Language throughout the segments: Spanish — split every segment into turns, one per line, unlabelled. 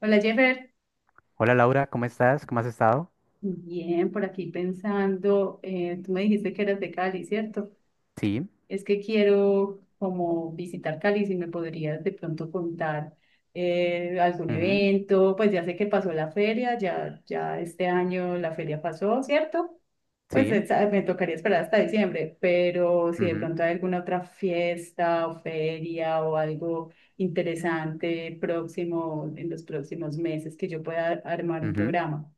Hola Jeffer,
Hola Laura, ¿cómo estás? ¿Cómo has estado?
bien, por aquí pensando, tú me dijiste que eras de Cali, ¿cierto?
Sí,
Es que quiero como visitar Cali, si me podrías de pronto contar algún
ujú,
evento, pues ya sé que pasó la feria, ya este año la feria pasó, ¿cierto? Pues
sí,
esa- me tocaría esperar hasta diciembre, pero si de
ujú,
pronto hay alguna otra fiesta o feria o algo interesante próximo, en los próximos meses que yo pueda armar un
ujú.
programa.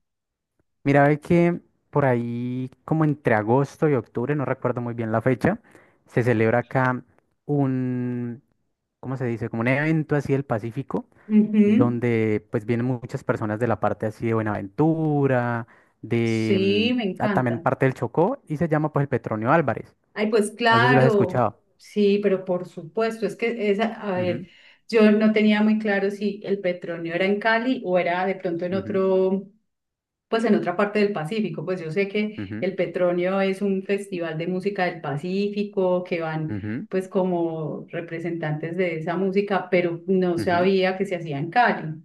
Mira, ve que por ahí, como entre agosto y octubre, no recuerdo muy bien la fecha, se celebra acá un, ¿cómo se dice? Como un evento así del Pacífico,
Ujú.
donde pues vienen muchas personas de la parte así de Buenaventura, de
Sí, me
mm, ah, también
encanta.
parte del Chocó, y se llama pues el Petronio Álvarez.
Ay, pues
No sé si lo has
claro,
escuchado.
sí, pero por supuesto, es que esa, a ver,
Ujú,
yo no tenía muy claro si el petróleo era en Cali o era de pronto en
ujú,
otro, pues en otra parte del Pacífico. Pues yo sé que
ujú,
el Petronio es un festival de música del Pacífico, que van
ujú,
pues como representantes de esa música, pero no
ujú.
sabía que se hacía en Cali.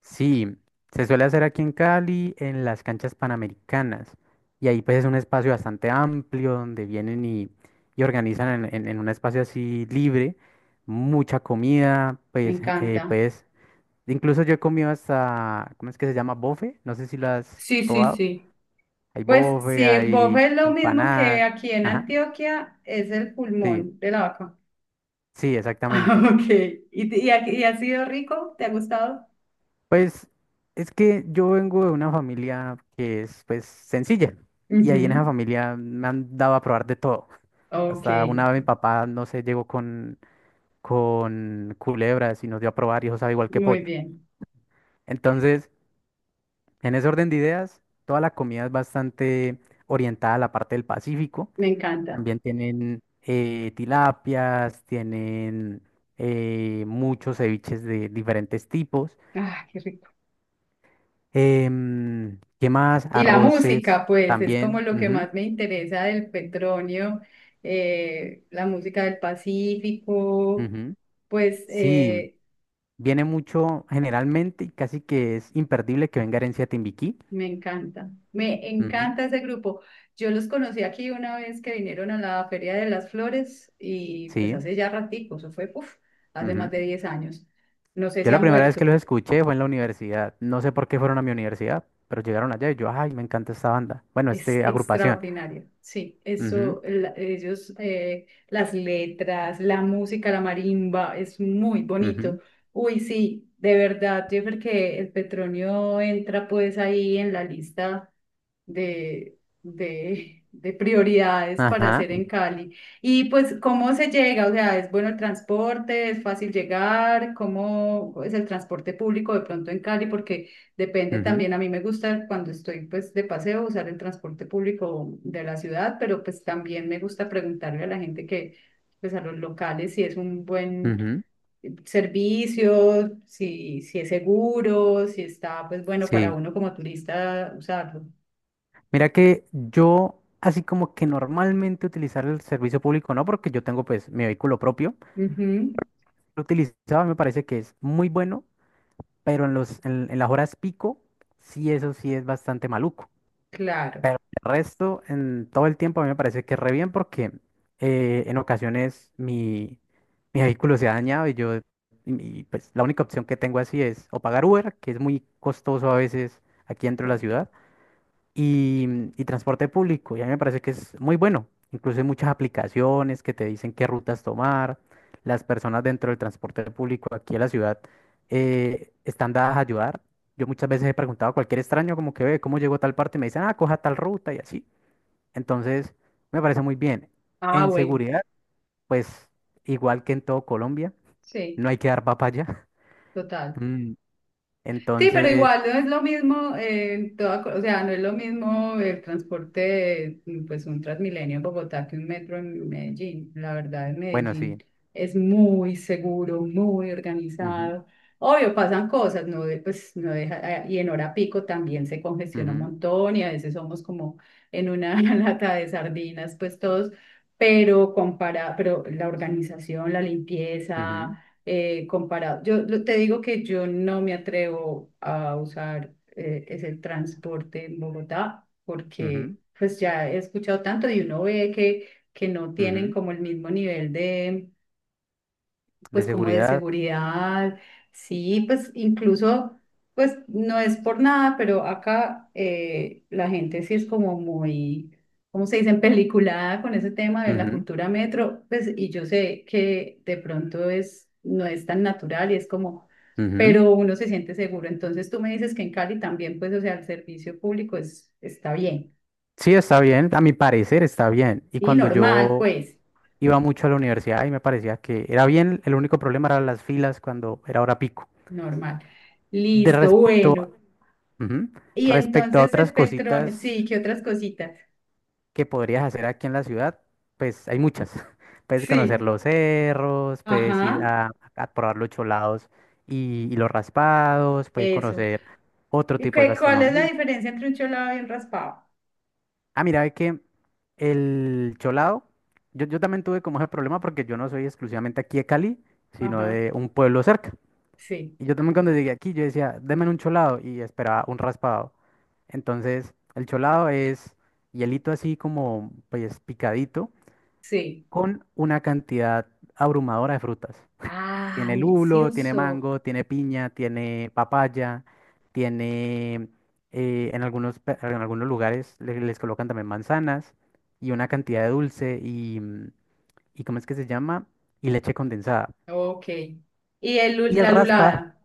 Sí, se suele hacer aquí en Cali, en las canchas panamericanas. Y ahí pues es un espacio bastante amplio donde vienen y organizan en un espacio así libre, mucha comida,
Me
pues, eh,
encanta.
pues, Incluso yo he comido hasta, ¿cómo es que se llama? Bofe, no sé si lo has
Sí, sí,
probado.
sí.
Hay
Pues
bofe,
sí, en
hay
bofe es lo mismo que
empanada,
aquí en
ajá,
Antioquia, es el
sí,
pulmón de la vaca.
sí,
Ah,
exactamente.
ok. Y ha sido rico? ¿Te ha gustado?
Pues es que yo vengo de una familia que es pues sencilla y ahí en esa
Ujú.
familia me han dado a probar de todo.
Ok,
Hasta una vez mi papá, no sé, llegó con culebras y nos dio a probar y eso sabe igual que
muy
pollo.
bien.
Entonces, en ese orden de ideas, toda la comida es bastante orientada a la parte del Pacífico.
Me encanta.
También tienen tilapias, tienen muchos ceviches de diferentes tipos.
Ah, qué rico.
¿Qué más?
Y la
Arroces
música, pues, es como
también.
lo que
Ujú,
más me interesa del Petronio, la música del Pacífico,
ujú.
pues,
Sí, viene mucho generalmente y casi que es imperdible que venga herencia timbiquí.
me encanta, me
Ujú,
encanta ese grupo. Yo los conocí aquí una vez que vinieron a la Feria de las Flores y pues
sí.
hace ya ratico, eso fue, puf, hace más
Ujú.
de 10 años. No sé
Yo
si
la
han
primera vez que
vuelto,
los escuché fue en la universidad. No sé por qué fueron a mi universidad, pero llegaron allá y yo, ay, me encanta esta banda. Bueno,
es
este agrupación.
extraordinario. Sí,
Ujú,
eso, la- ellos, las letras, la música, la marimba, es muy bonito.
ujú,
Uy, sí, de verdad, Jeffer, que el Petronio entra pues ahí en la lista de prioridades para
ajá.
hacer en Cali. Y pues, ¿cómo se llega? O sea, ¿es bueno el transporte? ¿Es fácil llegar? ¿Cómo es el transporte público de pronto en Cali? Porque depende
Ujú,
también, a mí me gusta cuando estoy pues de paseo usar el transporte público de la ciudad, pero pues también me gusta preguntarle a la gente que, pues a los locales si es un buen
ujú,
servicio, si es seguro, si está pues bueno
sí.
para uno como turista usarlo.
Mira que yo, así como que normalmente utilizar el servicio público, no, porque yo tengo pues mi vehículo propio.
Ujú,
Utilizado, me parece que es muy bueno, pero en las horas pico, sí, eso sí es bastante maluco.
claro,
Pero el resto, en todo el tiempo, a mí me parece que re bien porque en ocasiones mi vehículo se ha dañado y yo, pues la única opción que tengo así es o pagar Uber, que es muy costoso a veces aquí dentro de la
claro.
ciudad y y transporte público. Y a mí me parece que es muy bueno. Incluso hay muchas aplicaciones que te dicen qué rutas tomar. Las personas dentro del transporte público aquí en la ciudad están dadas a ayudar. Yo muchas veces he preguntado a cualquier extraño como que ve cómo llegó a tal parte y me dicen, ah, coja tal ruta y así. Entonces, me parece muy bien.
Ah,
En
bueno,
seguridad, pues igual que en todo Colombia,
sí,
no hay que dar papaya.
total.
Mm,
Sí, pero
Entonces,
igual no es lo mismo, en toda co- o sea, no es lo mismo el transporte, mm, pues un Transmilenio en Bogotá que un metro en Medellín. La verdad, en
bueno,
Medellín
sí.
es muy seguro, muy
Ujú,
organizado. Obvio, pasan cosas, no de- pues no deja, ah, y en hora pico también se congestiona un
ujú,
montón y a veces somos como en una lata de sardinas, pues todos, pero compara, pero la organización, la limpieza comparado. Yo lo- te digo que yo no me atrevo a usar ese transporte en Bogotá
ujú, ujú,
porque pues ya he escuchado tanto y uno ve que no tienen
ujú.
como el mismo nivel de
De
pues como de
seguridad.
seguridad, sí, pues incluso, pues no es por nada, pero acá la gente sí es como muy, ¿cómo se dice?, peliculada con ese tema de la
Ujú,
cultura metro, pues y yo sé que de pronto es, no es tan natural y es como,
ujú.
pero uno se siente seguro. Entonces tú me dices que en Cali también, pues, o sea, el servicio público es, está bien,
Sí, está bien, a mi parecer está bien. Y
y
cuando
normal,
yo
pues,
iba mucho a la universidad y me parecía que era bien, el único problema eran las filas cuando era hora pico.
normal.
De
Listo,
respecto,
bueno.
ujú,
Y
respecto a
entonces el
otras
petróleo,
cositas
sí, ¿qué otras cositas?
que podrías hacer aquí en la ciudad, pues hay muchas. Puedes conocer
Sí,
los cerros, puedes ir
ajá,
a probar los cholados y los raspados, puedes
eso.
conocer otro
¿Y
tipo de
qué, cuál es la
gastronomía.
diferencia entre un cholado y un raspado?
Ah, mira, es que el cholado, yo también tuve como ese problema porque yo no soy exclusivamente aquí de Cali, sino
Ajá,
de un pueblo cerca.
sí,
Y yo también cuando llegué aquí, yo decía, denme un cholado y esperaba un raspado. Entonces, el cholado es hielito así como, pues, picadito,
sí.
con una cantidad abrumadora de frutas.
Ah,
Tiene lulo, tiene
delicioso.
mango, tiene piña, tiene papaya, tiene en algunos, en algunos lugares les colocan también manzanas y una cantidad de dulce, y ¿cómo es que se llama? Y leche condensada.
Ok. Y el, lu-
Y el
la
raspa
lulada,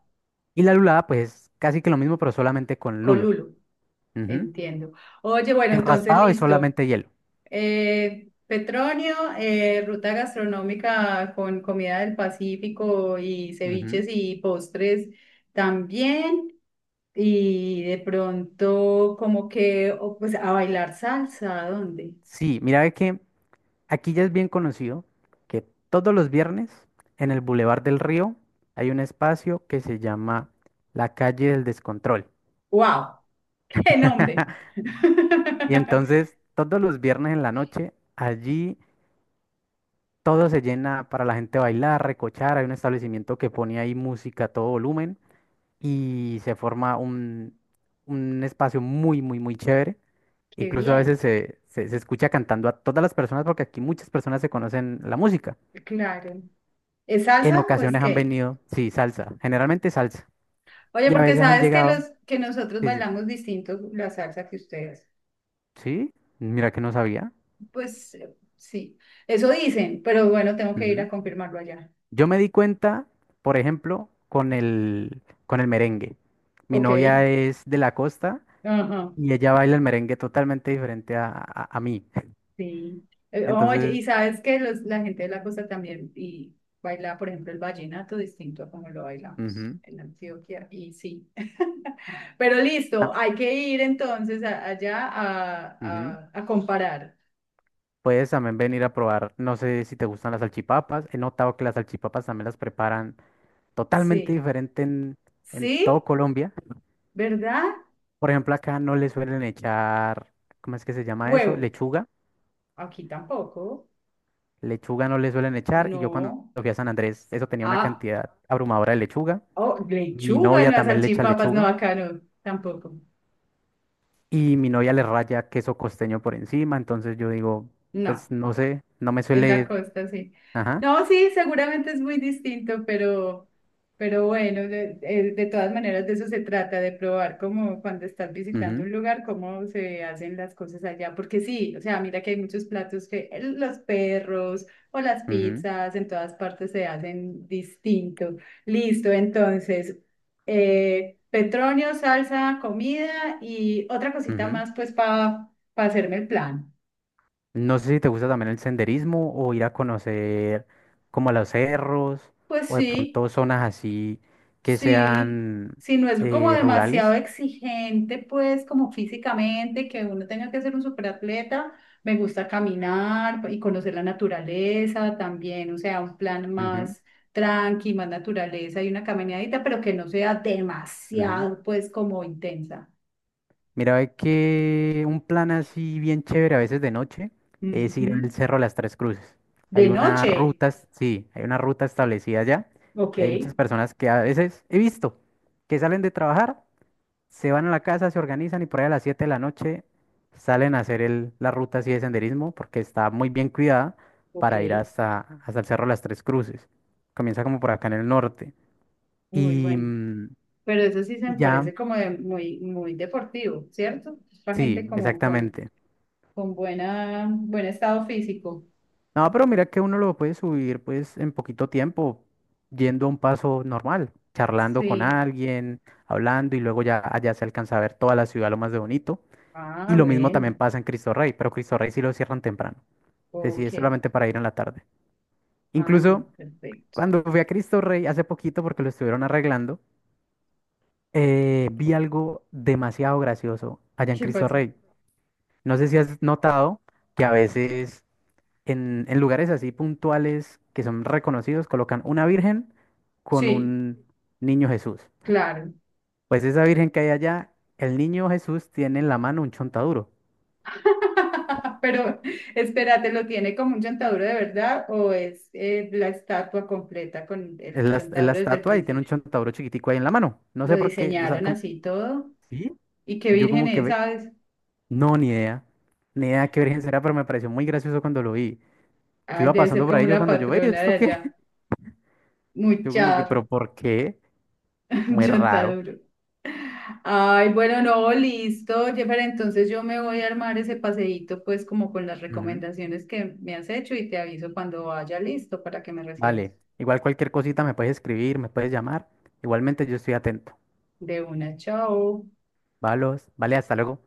y la lulada, pues casi que lo mismo, pero solamente con
con
lulo.
lulo,
Ujú.
entiendo. Oye, bueno,
El
entonces
raspado es
listo.
solamente hielo.
Petronio, ruta gastronómica con comida del Pacífico y
Ujú.
ceviches y postres también. Y de pronto, como que, o, pues a bailar salsa, ¿a dónde?
Sí, mira ve que aquí ya es bien conocido que todos los viernes en el Boulevard del Río hay un espacio que se llama la calle del descontrol.
¡Wow! ¡Qué nombre!
Y entonces todos los viernes en la noche allí todo se llena para la gente bailar, recochar. Hay un establecimiento que pone ahí música a todo volumen y se forma un espacio muy, muy, muy chévere.
¡Qué
Incluso a
bien!
veces se escucha cantando a todas las personas porque aquí muchas personas se conocen la música.
Claro. ¿Es
En
salsa o es
ocasiones han
qué?
venido, sí, salsa, generalmente salsa.
Oye,
Y a
porque
veces han
sabes que
llegado,
los que nosotros
sí, sí,
bailamos distinto la salsa que ustedes.
sí, mira que no sabía.
Pues sí, eso dicen, pero bueno, tengo que ir
Ujú.
a confirmarlo allá.
Yo me di cuenta, por ejemplo, con el merengue. Mi
Ok.
novia es de la costa
Ajá.
y ella baila el merengue totalmente diferente a mí.
Sí. Oye,
Entonces,
y sabes que los, la gente de la costa también y baila, por ejemplo, el vallenato distinto a como lo bailamos
ujú,
en Antioquia. Y sí. Pero listo,
ta-
hay que ir entonces a- allá
ujú,
a comparar.
puedes también venir a probar, no sé si te gustan las salchipapas. He notado que las salchipapas también las preparan totalmente
Sí.
diferente en todo
Sí,
Colombia.
¿verdad?
Por ejemplo, acá no le suelen echar, ¿cómo es que se llama eso?
Huevo.
Lechuga.
Aquí tampoco.
Lechuga no le suelen echar. Y yo cuando
No.
fui a San Andrés, eso tenía una
Ah,
cantidad abrumadora de lechuga.
oh,
Mi
lechuga,
novia
no, a
también le echa
salchipapas, no,
lechuga.
acá no, tampoco.
Y mi novia le raya queso costeño por encima. Entonces yo digo,
No.
pues no sé, no me
En la
suele...
costa, sí.
Ajá.
No, sí, seguramente es muy distinto, pero bueno, de todas maneras de eso se trata, de probar como cuando estás visitando
Ujú,
un lugar, cómo se hacen las cosas allá. Porque sí, o sea, mira que hay muchos platos que el- los perros o las
ujú,
pizzas en todas partes se hacen distinto. Listo, entonces, Petronio, salsa, comida y otra cosita
ujú.
más, pues, para hacerme el plan.
No sé si te gusta también el senderismo o ir a conocer como los cerros
Pues
o de
sí.
pronto zonas así que
Sí,
sean
si no es como demasiado
rurales.
exigente, pues como físicamente, que uno tenga que ser un superatleta, me gusta caminar y conocer la naturaleza también, o sea, un plan
Ujú.
más tranqui, más naturaleza y una caminadita, pero que no sea
Ujú.
demasiado, pues como intensa.
Mira, ve que un plan así bien chévere a veces de noche es
Ujú.
ir al Cerro de las Tres Cruces. Hay
De
una
noche,
ruta, sí, hay una ruta establecida ya
ok,
y hay muchas personas que a veces he visto que salen de trabajar, se van a la casa, se organizan y por ahí a las 7 de la noche salen a hacer la ruta así de senderismo porque está muy bien cuidada
ok,
para ir hasta el Cerro de las Tres Cruces. Comienza como por acá en el norte
muy
y,
bueno.
mm,
Pero eso sí se
y
me
ya,
parece como de- muy, muy deportivo, ¿cierto? Para
sí,
gente como con
exactamente.
Con buena, buen estado físico.
No, pero mira que uno lo puede subir pues en poquito tiempo, yendo a un paso normal, charlando con
Sí.
alguien, hablando y luego ya allá se alcanza a ver toda la ciudad lo más de bonito.
Ah,
Y lo mismo
bueno.
también pasa en Cristo Rey, pero Cristo Rey sí lo cierran temprano. Es decir,
Ok.
es solamente para ir en la tarde.
Ah, no,
Incluso
perfecto.
cuando fui a Cristo Rey hace poquito porque lo estuvieron arreglando, vi algo demasiado gracioso allá en
¿Qué
Cristo
pasa?
Rey. No sé si has notado que a veces en lugares así puntuales que son reconocidos, colocan una virgen con
Sí,
un niño Jesús.
claro.
Pues esa virgen que hay allá, el niño Jesús tiene en la mano un chontaduro.
Pero espérate, ¿lo tiene como un chontaduro de verdad o es la estatua completa con el
Es la
chontaduro desde el
estatua y tiene un
principio?
chontaduro chiquitico ahí en la mano. No
Lo
sé por qué, o sea,
diseñaron
como...
así y todo.
¿Sí?
¿Y qué
Yo
virgen
como que
es,
ve,
sabes?
no, ni idea qué virgen será, pero me pareció muy gracioso cuando lo vi. Yo
Ay,
iba
debe
pasando
ser
por
como
ahí, yo
una
cuando yo veía
patrona de
esto qué,
allá.
yo como que,
Mucha
pero ¿por qué? Muy
chanta
raro.
duro. Ay, bueno, no, listo, Jeffer, entonces yo me voy a armar ese paseíto pues como con las recomendaciones que me has hecho y te aviso cuando vaya listo para que me recibas.
Vale, igual cualquier cosita me puedes escribir, me puedes llamar. Igualmente yo estoy atento.
De una, chao.
Valos, vale, hasta luego.